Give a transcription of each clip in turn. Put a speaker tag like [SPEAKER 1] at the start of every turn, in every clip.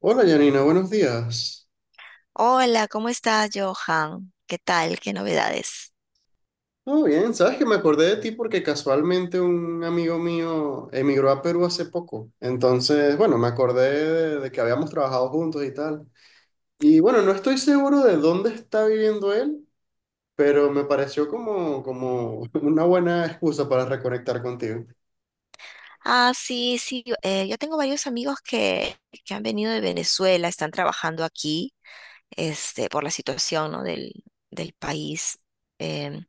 [SPEAKER 1] Hola Janina, buenos días.
[SPEAKER 2] Hola, ¿cómo estás, Johan? ¿Qué tal? ¿Qué novedades?
[SPEAKER 1] Todo bien, sabes que me acordé de ti porque casualmente un amigo mío emigró a Perú hace poco. Entonces, bueno, me acordé de que habíamos trabajado juntos y tal. Y bueno, no estoy seguro de dónde está viviendo él, pero me pareció como una buena excusa para reconectar contigo.
[SPEAKER 2] Ah, sí, sí, yo, yo tengo varios amigos que han venido de Venezuela, están trabajando aquí, este, por la situación, ¿no? Del país. Em,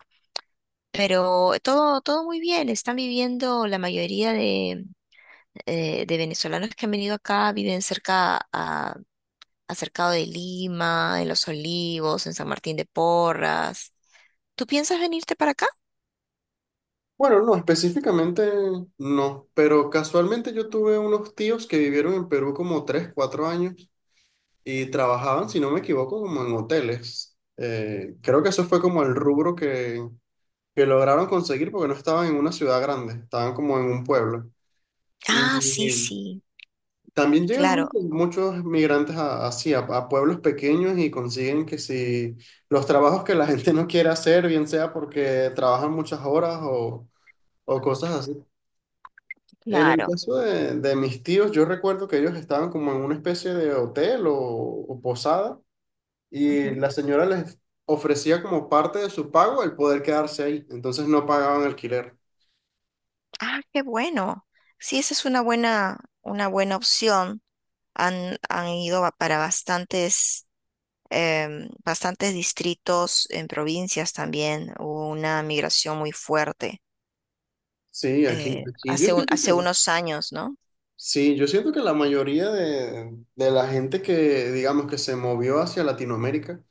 [SPEAKER 2] pero todo muy bien, están viviendo, la mayoría de venezolanos que han venido acá viven cerca a, acercado de Lima, en Los Olivos, en San Martín de Porras. ¿Tú piensas venirte para acá?
[SPEAKER 1] Bueno, no, específicamente no, pero casualmente yo tuve unos tíos que vivieron en Perú como 3 4 años. Y trabajaban, si no me equivoco, como en hoteles. Creo que eso fue como el rubro que lograron conseguir porque no estaban en una ciudad grande, estaban como en un pueblo. Y
[SPEAKER 2] Ah, sí, sí,
[SPEAKER 1] también llegan
[SPEAKER 2] claro.
[SPEAKER 1] muchos, muchos migrantes a, así, a pueblos pequeños y consiguen que si los trabajos que la gente no quiere hacer, bien sea porque trabajan muchas horas o cosas así. En el
[SPEAKER 2] Claro.
[SPEAKER 1] caso de mis tíos, yo recuerdo que ellos estaban como en una especie de hotel o posada y
[SPEAKER 2] Ujú.
[SPEAKER 1] la señora les ofrecía como parte de su pago el poder quedarse ahí, entonces no pagaban alquiler.
[SPEAKER 2] Ah, qué bueno. Sí, esa es una buena opción. Han ido para bastantes, bastantes distritos en provincias también. Hubo una migración muy fuerte
[SPEAKER 1] Sí, aquí, aquí yo
[SPEAKER 2] hace
[SPEAKER 1] siento
[SPEAKER 2] hace
[SPEAKER 1] que,
[SPEAKER 2] unos años, ¿no?
[SPEAKER 1] sí, yo siento que la mayoría de la gente que, digamos, que se movió hacia Latinoamérica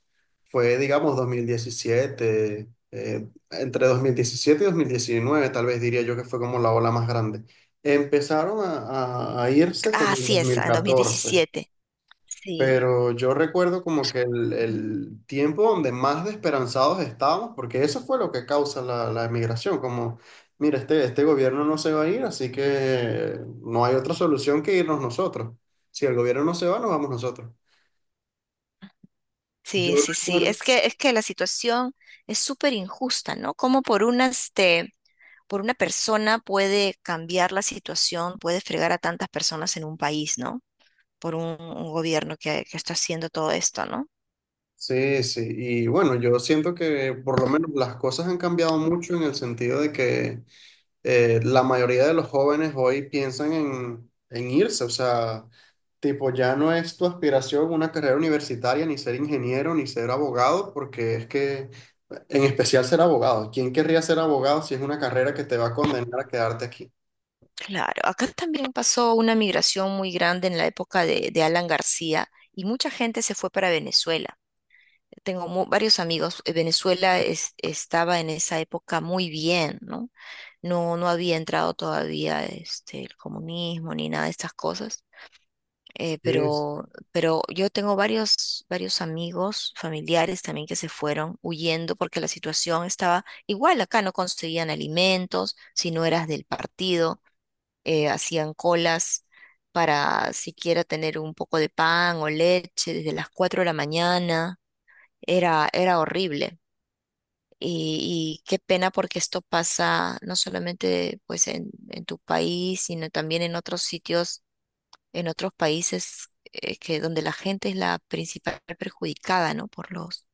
[SPEAKER 1] fue, digamos, 2017, entre 2017 y 2019 tal vez diría yo que fue como la ola más grande. Empezaron a irse
[SPEAKER 2] Ah,
[SPEAKER 1] como en dos
[SPEAKER 2] así es,
[SPEAKER 1] mil
[SPEAKER 2] en dos mil
[SPEAKER 1] catorce
[SPEAKER 2] diecisiete. Sí.
[SPEAKER 1] Pero yo recuerdo como que el,
[SPEAKER 2] Ujú.
[SPEAKER 1] el tiempo donde más desesperanzados estábamos, porque eso fue lo que causa la emigración, como, mira, este gobierno no se va a ir, así que no hay otra solución que irnos nosotros. Si el gobierno no se va, nos vamos nosotros. Yo
[SPEAKER 2] Sí, sí, sí.
[SPEAKER 1] recuerdo.
[SPEAKER 2] Es que la situación es súper injusta, ¿no? Como por una, este, por una persona puede cambiar la situación, puede fregar a tantas personas en un país, ¿no? Por un gobierno que está haciendo todo esto, ¿no?
[SPEAKER 1] Sí, sí, y bueno, yo siento que por lo menos las cosas han cambiado mucho en el sentido de que la mayoría de los jóvenes hoy piensan en irse, o sea, tipo, ya no es tu aspiración una carrera universitaria, ni ser ingeniero, ni ser abogado, porque es que, en especial ser abogado, ¿quién querría ser abogado si es una carrera que te va a condenar a quedarte aquí?
[SPEAKER 2] Claro. Acá también pasó una migración muy grande en la época de Alan García y mucha gente se fue para Venezuela. Tengo varios amigos. Venezuela estaba en esa época muy bien, ¿no? No, no había entrado todavía este, el comunismo ni nada de estas cosas.
[SPEAKER 1] Sí, sí,
[SPEAKER 2] Pero yo tengo varios amigos, familiares también que se fueron huyendo porque la situación estaba igual. Acá no conseguían alimentos, si no eras del partido, hacían colas para siquiera tener un poco de pan o leche desde las 4 de la mañana. Era horrible. Y qué pena porque esto pasa no solamente pues en tu país, sino también en otros sitios, en otros países que donde la gente es la principal perjudicada, ¿no? Por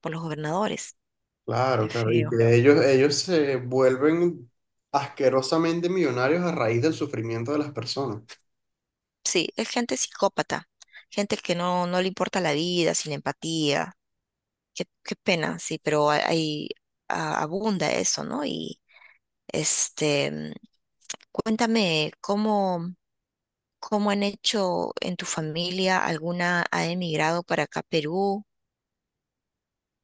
[SPEAKER 2] por los gobernadores.
[SPEAKER 1] claro,
[SPEAKER 2] Qué
[SPEAKER 1] claro, y
[SPEAKER 2] feo.
[SPEAKER 1] que ellos se vuelven asquerosamente millonarios a raíz del sufrimiento de las personas.
[SPEAKER 2] Sí, es gente psicópata, gente que no, no le importa la vida, sin empatía. Qué pena, sí, pero abunda eso, ¿no? Y este, cuéntame cómo. ¿Cómo han hecho en tu familia? ¿Alguna ha emigrado para acá a Perú?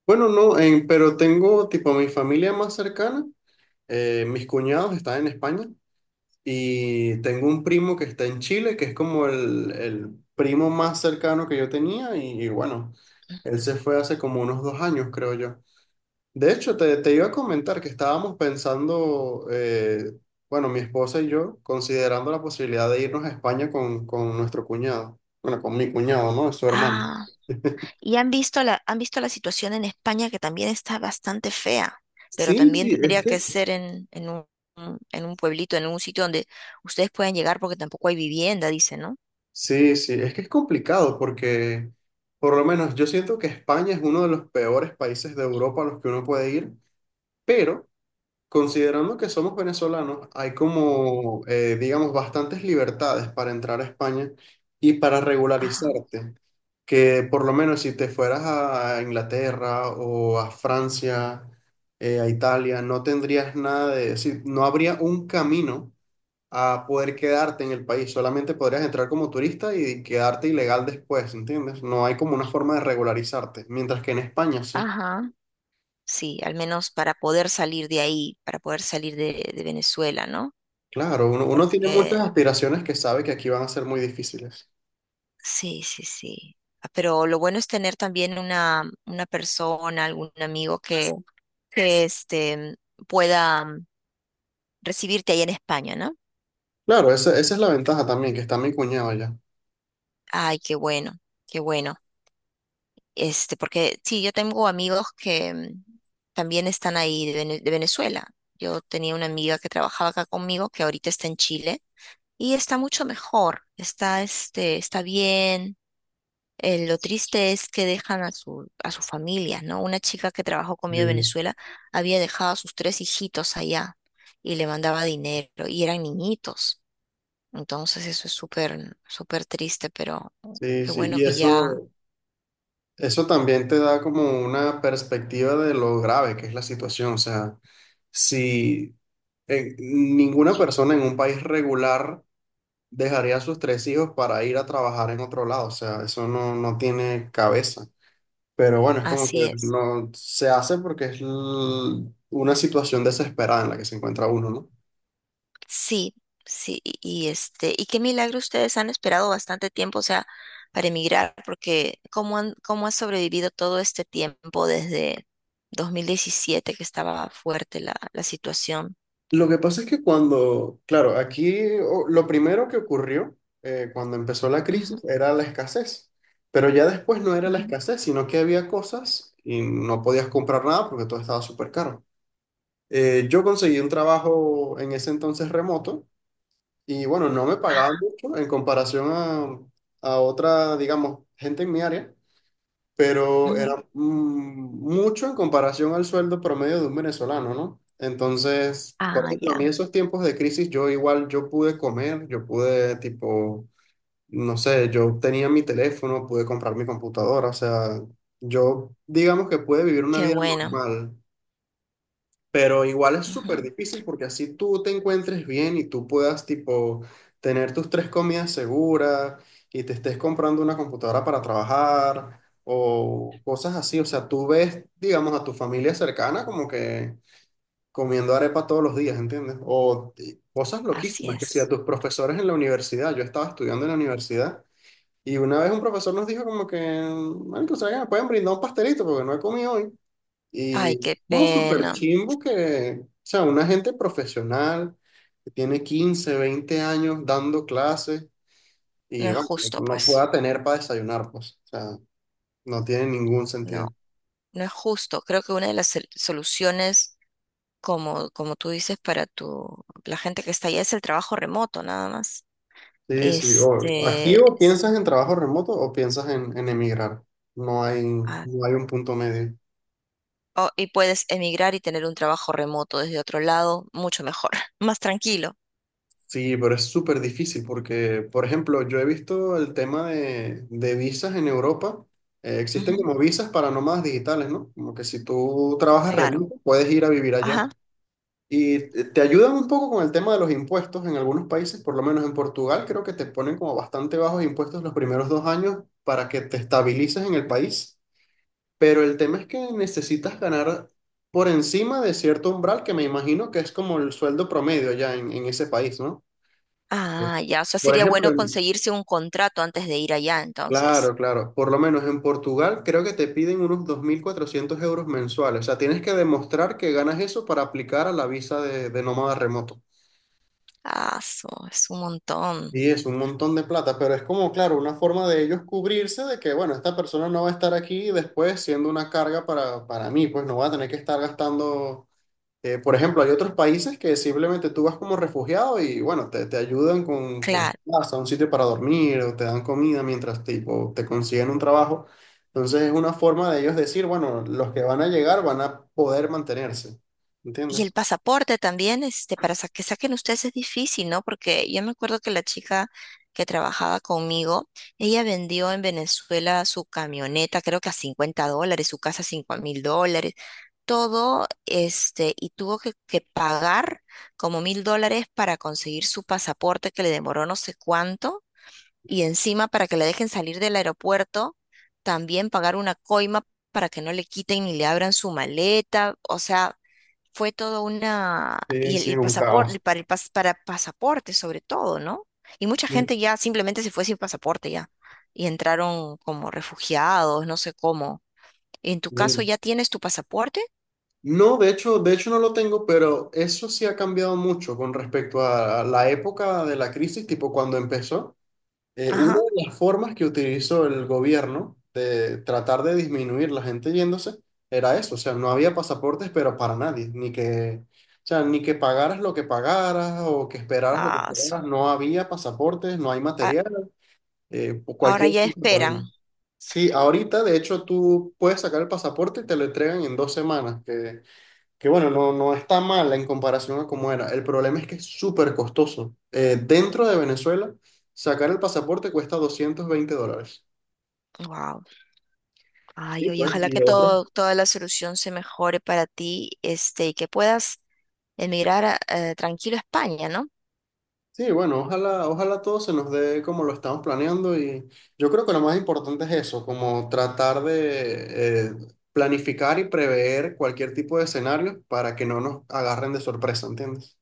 [SPEAKER 1] Bueno, no, pero tengo tipo mi familia más cercana, mis cuñados están en España. Y tengo un primo que está en Chile, que es como el primo más cercano que yo tenía, y bueno, él se fue hace como unos 2 años, creo yo. De hecho, te iba a comentar que estábamos pensando, bueno, mi esposa y yo, considerando la posibilidad de irnos a España con nuestro cuñado, bueno, con mi cuñado, ¿no? Su hermano.
[SPEAKER 2] Ah, y han visto han visto la situación en España que también está bastante fea, pero
[SPEAKER 1] Sí,
[SPEAKER 2] también
[SPEAKER 1] sí, es
[SPEAKER 2] tendría
[SPEAKER 1] que...
[SPEAKER 2] que ser en un pueblito, en un sitio donde ustedes puedan llegar porque tampoco hay vivienda, dice, ¿no?
[SPEAKER 1] Sí, sí, es que es complicado porque, por lo menos, yo siento que España es uno de los peores países de Europa a los que uno puede ir. Pero considerando que somos venezolanos, hay como, digamos, bastantes libertades para entrar a España y para
[SPEAKER 2] Ajá,
[SPEAKER 1] regularizarte. Que por lo menos si te fueras a Inglaterra o a Francia, a Italia, no tendrías nada de, decir, no habría un camino a poder quedarte en el país. Solamente podrías entrar como turista y quedarte ilegal después, ¿entiendes? No hay como una forma de regularizarte, mientras que en España sí.
[SPEAKER 2] ajá, sí, al menos para poder salir de ahí, para poder salir de Venezuela, ¿no?
[SPEAKER 1] Claro, uno, uno tiene muchas
[SPEAKER 2] Porque
[SPEAKER 1] aspiraciones que sabe que aquí van a ser muy difíciles.
[SPEAKER 2] sí, sí, sí. Ah, pero lo bueno es tener también una persona, algún amigo que este, pueda recibirte ahí en España, ¿no?
[SPEAKER 1] Claro, esa es la ventaja también, que está mi cuñado allá.
[SPEAKER 2] Ay, qué bueno, qué bueno. Este, porque sí, yo tengo amigos que también están ahí de, de Venezuela. Yo tenía una amiga que trabajaba acá conmigo, que ahorita está en Chile, y está mucho mejor, está, este, está bien. Lo triste es que dejan a su, a sus familias, ¿no? Una chica que trabajó conmigo en
[SPEAKER 1] Sí,
[SPEAKER 2] Venezuela había dejado a sus tres hijitos allá y le mandaba dinero y eran niñitos. Entonces eso es súper triste, pero
[SPEAKER 1] sí,
[SPEAKER 2] qué
[SPEAKER 1] sí.
[SPEAKER 2] bueno
[SPEAKER 1] Y
[SPEAKER 2] que ya
[SPEAKER 1] eso también te da como una perspectiva de lo grave que es la situación. O sea, si ninguna persona en un país regular dejaría a sus tres hijos para ir a trabajar en otro lado. O sea, eso no, no tiene cabeza. Pero bueno, es como que
[SPEAKER 2] así es.
[SPEAKER 1] no se hace porque es una situación desesperada en la que se encuentra uno, ¿no?
[SPEAKER 2] Sí, sí, y este, y qué milagro ustedes han esperado bastante tiempo, o sea, para emigrar, porque ¿cómo han, cómo ha sobrevivido todo este tiempo desde 2017 que estaba fuerte la, la situación?
[SPEAKER 1] Lo que pasa es que cuando, claro, aquí lo primero que ocurrió cuando empezó la crisis era la escasez, pero ya después no era la
[SPEAKER 2] Ujú.
[SPEAKER 1] escasez, sino que había cosas y no podías comprar nada porque todo estaba súper caro. Yo conseguí un trabajo en ese entonces remoto y bueno, no me pagaba
[SPEAKER 2] Ah,
[SPEAKER 1] mucho en comparación a otra, digamos, gente en mi área, pero
[SPEAKER 2] ujú.
[SPEAKER 1] era mucho en comparación al sueldo promedio de un venezolano, ¿no? Entonces, por
[SPEAKER 2] Ah,
[SPEAKER 1] ejemplo, a mí
[SPEAKER 2] ya,
[SPEAKER 1] esos tiempos de crisis, yo igual, yo pude comer, yo pude, tipo, no sé, yo tenía mi teléfono, pude comprar mi computadora, o sea, yo digamos que pude vivir una
[SPEAKER 2] qué
[SPEAKER 1] vida
[SPEAKER 2] bueno.
[SPEAKER 1] normal. Pero igual es súper
[SPEAKER 2] Ujú,
[SPEAKER 1] difícil porque así tú te encuentres bien y tú puedas, tipo, tener tus tres comidas seguras y te estés comprando una computadora para trabajar o cosas así. O sea, tú ves, digamos, a tu familia cercana como que comiendo arepa todos los días, ¿entiendes? O y cosas
[SPEAKER 2] así
[SPEAKER 1] loquísimas, que si a
[SPEAKER 2] es.
[SPEAKER 1] tus profesores en la universidad, yo estaba estudiando en la universidad y una vez un profesor nos dijo como que, "Marico, ¿saben que me pueden brindar un pastelito porque no he comido hoy?
[SPEAKER 2] Ay,
[SPEAKER 1] Y
[SPEAKER 2] qué
[SPEAKER 1] no, súper
[SPEAKER 2] pena.
[SPEAKER 1] chimbo que, o sea, una gente profesional que tiene 15 20 años dando clases
[SPEAKER 2] No
[SPEAKER 1] y
[SPEAKER 2] es
[SPEAKER 1] bueno,
[SPEAKER 2] justo,
[SPEAKER 1] no
[SPEAKER 2] pues.
[SPEAKER 1] pueda tener para desayunar, pues, o sea, no tiene ningún sentido.
[SPEAKER 2] No, no es justo. Creo que una de las soluciones, como, como tú dices, para tu, la gente que está allá es el trabajo remoto, nada más.
[SPEAKER 1] Sí, sí, o aquí
[SPEAKER 2] Este,
[SPEAKER 1] o piensas en trabajo remoto o piensas en emigrar. No hay,
[SPEAKER 2] ah,
[SPEAKER 1] no hay un punto medio.
[SPEAKER 2] oh, y puedes emigrar y tener un trabajo remoto desde otro lado, mucho mejor, más tranquilo.
[SPEAKER 1] Sí, pero es súper difícil porque, por ejemplo, yo he visto el tema de visas en Europa. Existen
[SPEAKER 2] Ujú,
[SPEAKER 1] como visas para nómadas digitales, ¿no? Como que si tú trabajas
[SPEAKER 2] claro.
[SPEAKER 1] remoto, puedes ir a vivir allá.
[SPEAKER 2] Ajá.
[SPEAKER 1] Y te ayudan un poco con el tema de los impuestos en algunos países, por lo menos en Portugal, creo que te ponen como bastante bajos impuestos los primeros dos años para que te estabilices en el país. Pero el tema es que necesitas ganar por encima de cierto umbral que me imagino que es como el sueldo promedio allá en ese país, ¿no?
[SPEAKER 2] Ah, ya. O sea,
[SPEAKER 1] Por
[SPEAKER 2] sería
[SPEAKER 1] ejemplo,
[SPEAKER 2] bueno conseguirse un contrato antes de ir allá, entonces.
[SPEAKER 1] claro, claro. Por lo menos en Portugal creo que te piden unos 2.400 euros mensuales. O sea, tienes que demostrar que ganas eso para aplicar a la visa de nómada remoto.
[SPEAKER 2] Es un montón,
[SPEAKER 1] Y es un montón de plata, pero es como, claro, una forma de ellos cubrirse de que, bueno, esta persona no va a estar aquí después siendo una carga para mí, pues no va a tener que estar gastando. Por ejemplo, hay otros países que simplemente tú vas como refugiado y bueno, te ayudan con
[SPEAKER 2] claro.
[SPEAKER 1] casa, un sitio para dormir o te dan comida mientras tipo, te consiguen un trabajo. Entonces es una forma de ellos decir, bueno, los que van a llegar van a poder mantenerse.
[SPEAKER 2] Y el
[SPEAKER 1] ¿Entiendes?
[SPEAKER 2] pasaporte también, este, para que saquen ustedes es difícil, ¿no? Porque yo me acuerdo que la chica que trabajaba conmigo, ella vendió en Venezuela su camioneta, creo que a $50, su casa a $5000, todo, este, y tuvo que pagar como $1000 para conseguir su pasaporte que le demoró no sé cuánto y encima para que la dejen salir del aeropuerto, también pagar una coima para que no le quiten ni le abran su maleta, o sea, fue todo una...
[SPEAKER 1] Sí,
[SPEAKER 2] y
[SPEAKER 1] sí,
[SPEAKER 2] el,
[SPEAKER 1] un
[SPEAKER 2] pasaporte,
[SPEAKER 1] caos.
[SPEAKER 2] para, el pas- para pasaporte sobre todo, ¿no? Y mucha
[SPEAKER 1] Sí,
[SPEAKER 2] gente ya simplemente se fue sin pasaporte ya, y entraron como refugiados, no sé cómo. En tu caso
[SPEAKER 1] bien.
[SPEAKER 2] ya tienes tu pasaporte,
[SPEAKER 1] No, de hecho no lo tengo, pero eso sí ha cambiado mucho con respecto a la época de la crisis, tipo cuando empezó. Una
[SPEAKER 2] ajá,
[SPEAKER 1] de las formas que utilizó el gobierno de tratar de disminuir la gente yéndose era eso, o sea, no había pasaportes, pero para nadie, ni que, o sea, ni que pagaras lo que pagaras o que esperaras lo que
[SPEAKER 2] ah, su-
[SPEAKER 1] esperaras, no había pasaportes, no hay
[SPEAKER 2] a-
[SPEAKER 1] material,
[SPEAKER 2] ahora
[SPEAKER 1] cualquier
[SPEAKER 2] ya
[SPEAKER 1] cosa que
[SPEAKER 2] esperan.
[SPEAKER 1] ponían. Sí, ahorita de hecho tú puedes sacar el pasaporte y te lo entregan en 2 semanas, que bueno, no, no está mal en comparación a cómo era. El problema es que es súper costoso. Dentro de Venezuela, sacar el pasaporte cuesta 220 dólares.
[SPEAKER 2] Wow. Ay,
[SPEAKER 1] Sí,
[SPEAKER 2] oye,
[SPEAKER 1] pues,
[SPEAKER 2] ojalá
[SPEAKER 1] y
[SPEAKER 2] que
[SPEAKER 1] otro.
[SPEAKER 2] todo, toda la solución se mejore para ti, este, y que puedas emigrar tranquilo a España, ¿no?
[SPEAKER 1] Sí, bueno, ojalá, ojalá todo se nos dé como lo estamos planeando y yo creo que lo más importante es eso, como tratar de planificar y prever cualquier tipo de escenario para que no nos agarren de sorpresa, ¿entiendes?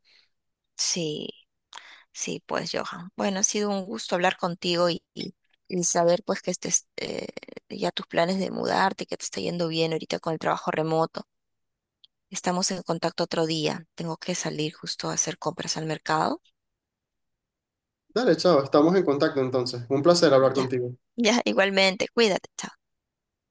[SPEAKER 2] Sí, sí, pues, Johan. Bueno, ha sido un gusto hablar contigo y saber, pues, que estés, ya tus planes de mudarte, que te está yendo bien ahorita con el trabajo remoto. Estamos en contacto otro día. Tengo que salir justo a hacer compras al mercado.
[SPEAKER 1] Dale, chao, estamos en contacto entonces. Un placer hablar
[SPEAKER 2] Ya,
[SPEAKER 1] contigo.
[SPEAKER 2] ya, igualmente. Cuídate, chao.